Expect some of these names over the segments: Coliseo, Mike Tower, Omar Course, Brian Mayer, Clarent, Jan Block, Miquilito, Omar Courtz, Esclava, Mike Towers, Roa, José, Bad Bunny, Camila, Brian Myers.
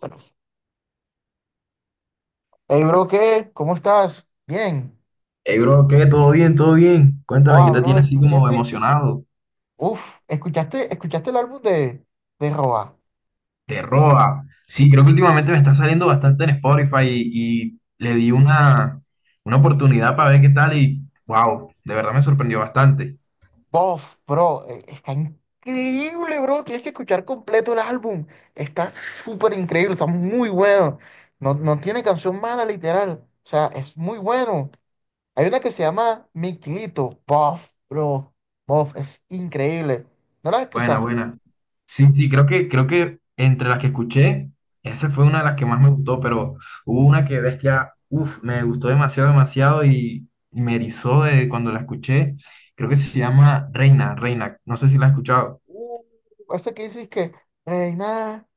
Bueno, hey, bro, ¿qué? ¿Cómo estás? Bien. Hey, bro, ¿qué? ¿Todo bien? ¿Todo bien? Cuéntame, ¿qué Wow, te bro, tiene así como ¿escuchaste? emocionado? Uf, ¿escuchaste, escuchaste el álbum de Roa? ¿Te roba? Sí, creo que últimamente me está saliendo bastante en Spotify y le di una oportunidad para ver qué tal y wow, de verdad me sorprendió bastante. Bof, bro, está increíble, bro. Tienes que escuchar completo el álbum. Está súper increíble, está muy bueno. No, no tiene canción mala, literal. O sea, es muy bueno. Hay una que se llama Miquilito. Bof, bro. Bof, es increíble. ¿No la Buena, escuchaste? buena. Sí, sí, creo que entre las que escuché, esa fue una de las que más me gustó, pero hubo una que bestia, me gustó demasiado, demasiado y me erizó de cuando la escuché. Creo que se llama Reina, Reina, no sé si la has escuchado. Uh, Ese que dices que, hey nada,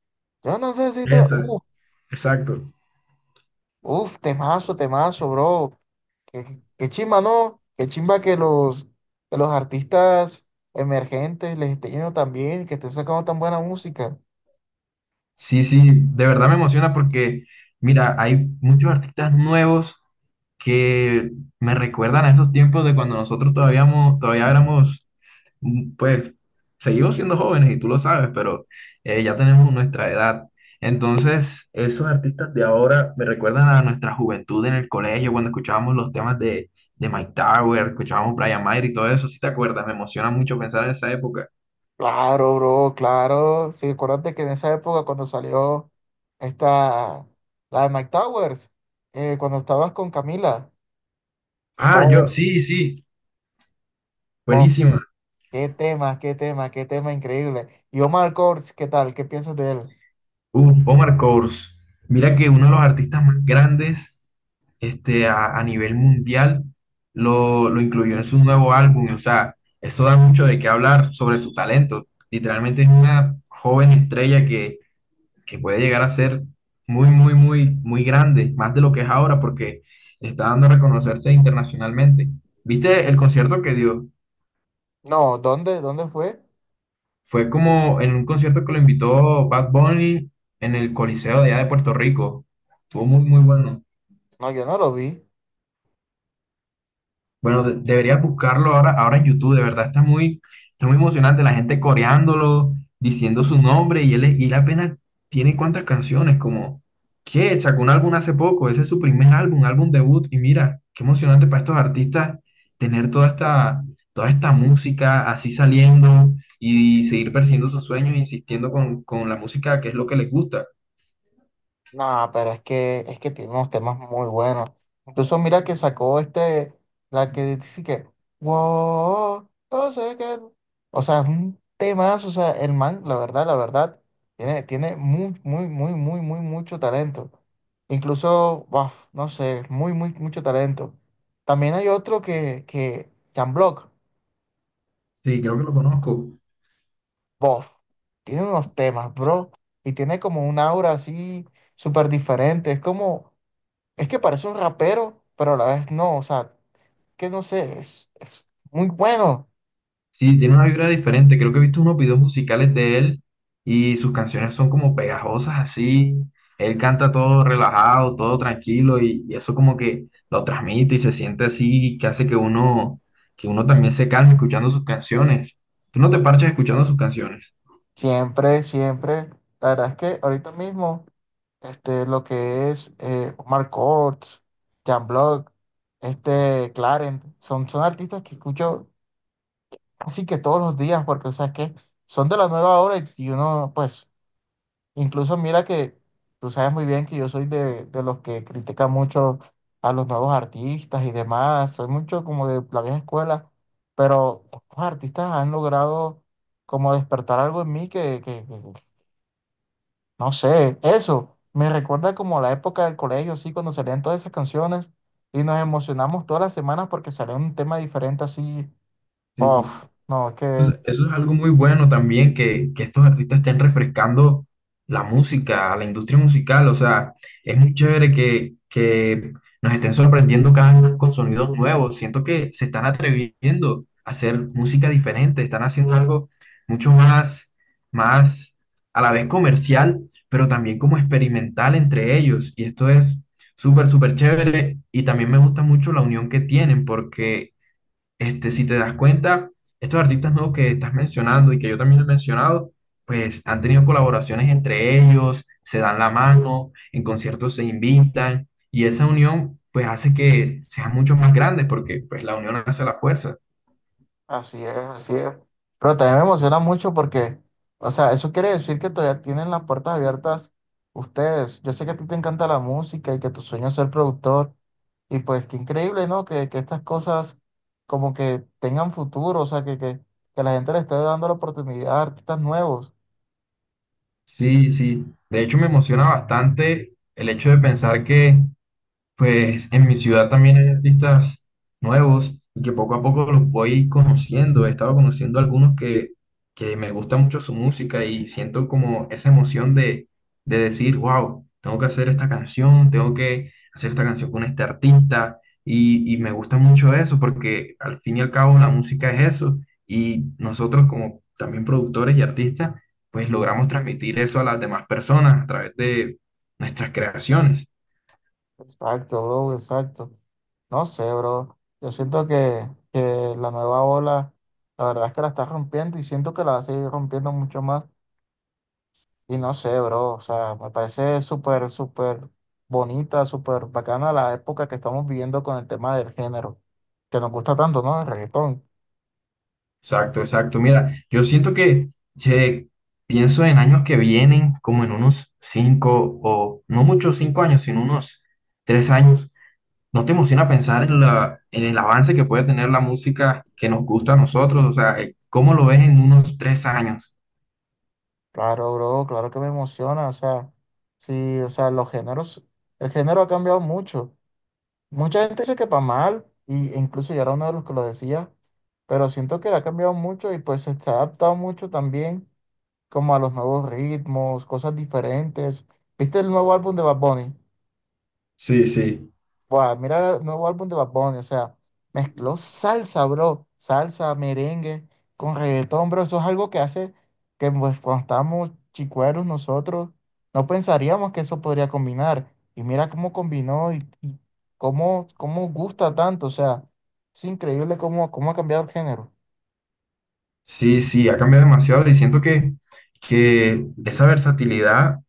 yo no sé si Esa. Exacto. uf, temazo, temazo, bro. Qué, qué chimba, ¿no? Qué chimba que los artistas emergentes les esté yendo tan bien, que estén sacando tan buena música. Sí, sí, de verdad me emociona porque, mira, hay muchos artistas nuevos que me recuerdan a esos tiempos de cuando nosotros todavía, todavía éramos, pues, seguimos siendo jóvenes y tú lo sabes, pero ya tenemos nuestra edad. Entonces, esos artistas de ahora me recuerdan a nuestra juventud en el colegio, cuando escuchábamos los temas de Mike Tower, escuchábamos Brian Mayer y todo eso, si te acuerdas. Me emociona mucho pensar en esa época. Claro, bro, claro. Sí, acuérdate que en esa época cuando salió esta, la de Mike Towers, cuando estabas con Camila, Ah, yo, bof, sí, sí, bof, buenísimo. qué tema, qué tema, qué tema increíble. Y Omar Courtz, ¿qué tal? ¿Qué piensas de él? Uf, Omar Course. Mira que uno de los artistas más grandes a nivel mundial lo incluyó en su nuevo álbum. O sea, eso da mucho de qué hablar sobre su talento. Literalmente es una joven estrella que puede llegar a ser muy, muy, muy, muy grande, más de lo que es ahora, porque está dando a reconocerse internacionalmente. ¿Viste el concierto que dio? No, ¿dónde? ¿Dónde fue? Fue como en un concierto que lo invitó Bad Bunny en el Coliseo de allá de Puerto Rico. Estuvo muy, muy bueno. No, yo no lo vi. Bueno, deberías buscarlo ahora, ahora en YouTube, de verdad está muy emocionante, la gente coreándolo, diciendo su nombre y él apenas tiene cuántas canciones, como, ¿qué? Sacó un álbum hace poco, ese es su primer álbum, álbum debut, y mira, qué emocionante para estos artistas tener toda esta música así saliendo y seguir persiguiendo sus sueños, e insistiendo con la música que es lo que les gusta. No, pero es que tiene unos temas muy buenos. Incluso mira que sacó este, la que dice que, wow, no sé qué. O sea, es un temazo, o sea, el man, la verdad, tiene, tiene muy, muy, muy, muy, muy, mucho talento. Incluso, buf, no sé, muy, muy, mucho talento. También hay otro que, Jan Block. Sí, creo que lo conozco. Bof, tiene unos temas, bro, y tiene como un aura así súper diferente. Es como, es que parece un rapero, pero a la vez no, o sea, que no sé, es muy bueno. Sí, tiene una vibra diferente. Creo que he visto unos videos musicales de él y sus canciones son como pegajosas así. Él canta todo relajado, todo tranquilo y eso como que lo transmite y se siente así que hace que uno también se calme escuchando sus canciones. ¿Tú no te parches escuchando sus canciones? Siempre, siempre. La verdad es que ahorita mismo, este, lo que es Omar Courtz, Jan Block, este, Clarent, son, son artistas que escucho así que todos los días, porque, o sea, es que son de la nueva hora y uno, pues incluso mira que tú sabes muy bien que yo soy de los que critican mucho a los nuevos artistas y demás, soy mucho como de la vieja escuela, pero estos artistas han logrado como despertar algo en mí que, no sé, eso me recuerda como la época del colegio, sí, cuando salían todas esas canciones y nos emocionamos todas las semanas porque salía un tema diferente así, Sí. bof, no, es que Eso es algo muy bueno también, que estos artistas estén refrescando la música, la industria musical. O sea, es muy chévere que nos estén sorprendiendo cada vez con sonidos nuevos. Siento que se están atreviendo a hacer música diferente, están haciendo algo mucho más, más a la vez comercial, pero también como experimental entre ellos. Y esto es súper, súper chévere. Y también me gusta mucho la unión que tienen, porque si te das cuenta, estos artistas nuevos que estás mencionando y que yo también he mencionado, pues han tenido colaboraciones entre ellos, se dan la mano, en conciertos se invitan y esa unión pues hace que sean mucho más grandes porque pues la unión hace la fuerza. así es, así es. Pero también me emociona mucho porque, o sea, eso quiere decir que todavía tienen las puertas abiertas ustedes. Yo sé que a ti te encanta la música y que tu sueño es ser productor. Y pues qué increíble, ¿no? Que estas cosas como que tengan futuro, o sea, que la gente le esté dando la oportunidad a artistas nuevos. Sí, sí. De hecho me emociona bastante el hecho de pensar que pues en mi ciudad también hay artistas nuevos y que poco a poco los voy conociendo. He estado conociendo algunos que me gusta mucho su música y siento como esa emoción de decir, wow, tengo que hacer esta canción, tengo que hacer esta canción con este artista. Y me gusta mucho eso porque al fin y al cabo la música es eso. Y nosotros como también productores y artistas, pues logramos transmitir eso a las demás personas a través de nuestras creaciones. Exacto, bro, exacto. No sé, bro. Yo siento que la nueva ola, la verdad es que la está rompiendo y siento que la va a seguir rompiendo mucho más. Y no sé, bro, o sea, me parece súper, súper bonita, súper bacana la época que estamos viviendo con el tema del género, que nos gusta tanto, ¿no? El reggaetón. Exacto, exacto. Mira, yo siento que si pienso en años que vienen, como en unos 5 o no muchos 5 años, sino unos 3 años, ¿no te emociona pensar en la, en el avance que puede tener la música que nos gusta a nosotros? O sea, ¿cómo lo ves en unos 3 años? Claro, bro, claro que me emociona, o sea, sí, o sea, los géneros, el género ha cambiado mucho. Mucha gente dice que para mal, y, e incluso yo era uno de los que lo decía, pero siento que ha cambiado mucho y pues se ha adaptado mucho también como a los nuevos ritmos, cosas diferentes. ¿Viste el nuevo álbum de Bad Bunny? Sí, sí. Buah, mira el nuevo álbum de Bad Bunny, o sea, mezcló salsa, bro, salsa, merengue, con reggaetón, bro, eso es algo que hace que pues, cuando estábamos chicueros nosotros, no pensaríamos que eso podría combinar, y mira cómo combinó y cómo, cómo gusta tanto, o sea, es increíble cómo, cómo ha cambiado el género. Sí, sí, ha cambiado demasiado y siento que esa versatilidad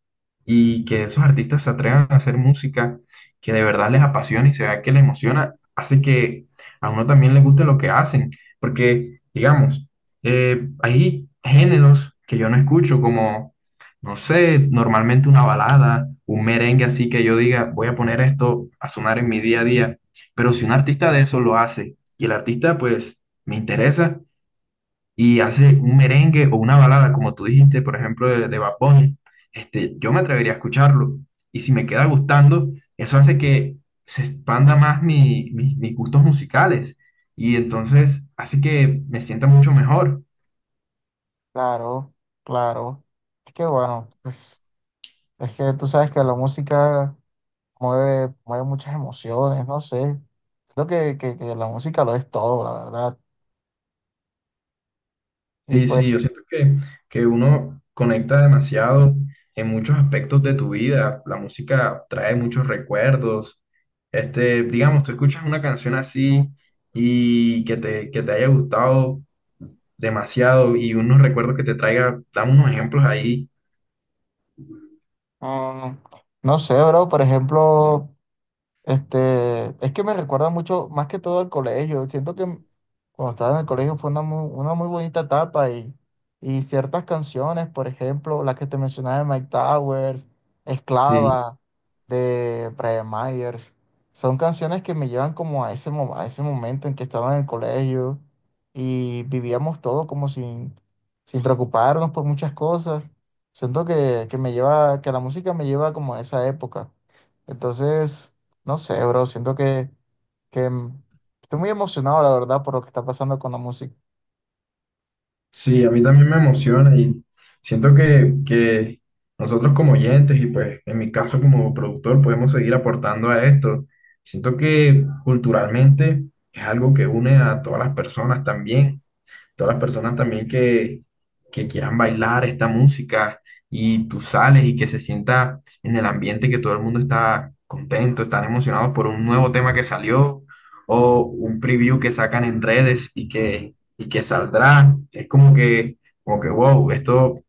y que esos artistas se atrevan a hacer música que de verdad les apasiona y se vea que les emociona, hace que a uno también le guste lo que hacen, porque, digamos, hay géneros que yo no escucho como, no sé, normalmente una balada, un merengue así que yo diga, voy a poner esto a sonar en mi día a día, pero si un artista de eso lo hace y el artista pues me interesa y hace un merengue o una balada, como tú dijiste, por ejemplo, de Bad Bunny, yo me atrevería a escucharlo. Y si me queda gustando, eso hace que se expanda más mis gustos musicales. Y entonces hace que me sienta mucho mejor. Claro, claro, es que bueno, pues, es que tú sabes que la música mueve, mueve muchas emociones, no sé. Creo que la música lo es todo, la verdad. Y Sí, pues, sí, yo siento que uno conecta demasiado en muchos aspectos de tu vida. La música trae muchos recuerdos. Digamos, tú escuchas una canción así y que te haya gustado demasiado y unos recuerdos que te traiga, dame unos ejemplos ahí. mm, no sé, bro, por ejemplo. Este, es que me recuerda mucho, más que todo al colegio. Siento que cuando estaba en el colegio fue una muy bonita etapa y ciertas canciones, por ejemplo, las que te mencionaba de Mike Towers, Sí, Esclava, de Brian Myers, son canciones que me llevan como a ese, a ese momento en que estaba en el colegio y vivíamos todo como sin, sin preocuparnos por muchas cosas. Siento que me lleva, que la música me lleva como a esa época. Entonces... No sé, bro, siento que mm, estoy muy emocionado, la verdad, por lo que está pasando con la música. sí, a mí también me emociona y siento que nosotros como oyentes y pues en mi caso como productor podemos seguir aportando a esto. Siento que culturalmente es algo que une a todas las personas también. Todas las personas también que quieran bailar esta música y tú sales y que se sienta en el ambiente que todo el mundo está contento, están emocionados por un nuevo tema que salió o un preview que sacan en redes y que saldrá. Es como que, wow, esto,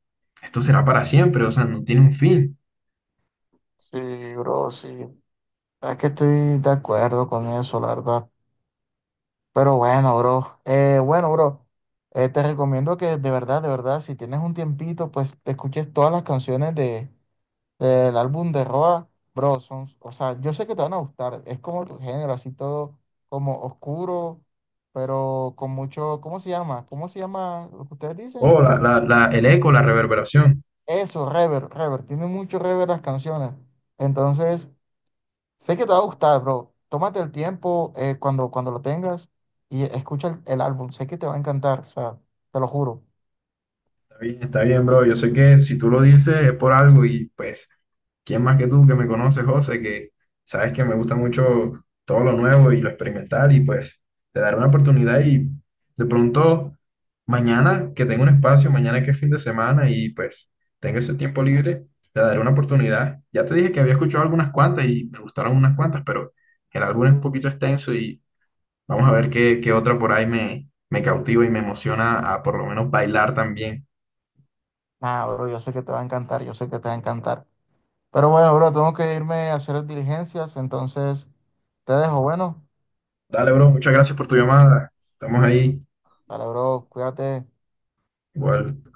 esto será para siempre, o sea, no tiene un fin. Sí, bro, sí. Es que estoy de acuerdo con eso, la verdad. Pero bueno, bro. Bueno, bro. Te recomiendo que de verdad, si tienes un tiempito, pues te escuches todas las canciones de, del álbum de Roa, bro. Son, o sea, yo sé que te van a gustar. Es como tu género, así todo como oscuro, pero con mucho, ¿cómo se llama? ¿Cómo se llama lo que ustedes dicen? O la, el eco, la reverberación. Eso, reverb, reverb. Tiene mucho reverb las canciones. Entonces, sé que te va a gustar, bro. Tómate el tiempo cuando, cuando lo tengas y escucha el álbum. Sé que te va a encantar, o sea, te lo juro. Está bien, bro. Yo sé que si tú lo dices es por algo y pues, ¿quién más que tú que me conoces, José, que sabes que me gusta mucho todo lo nuevo y lo experimental? Y pues te daré una oportunidad y de pronto mañana que tengo un espacio, mañana que es fin de semana y pues tengo ese tiempo libre, le daré una oportunidad. Ya te dije que había escuchado algunas cuantas y me gustaron unas cuantas, pero el álbum es un poquito extenso y vamos a ver qué, qué otra por ahí me, me cautiva y me emociona a por lo menos bailar también. Nah, bro, yo sé que te va a encantar, yo sé que te va a encantar. Pero bueno, bro, tengo que irme a hacer diligencias, entonces te dejo. Bueno, Dale, bro, muchas gracias por tu llamada. Estamos ahí. para bro, cuídate. Igual.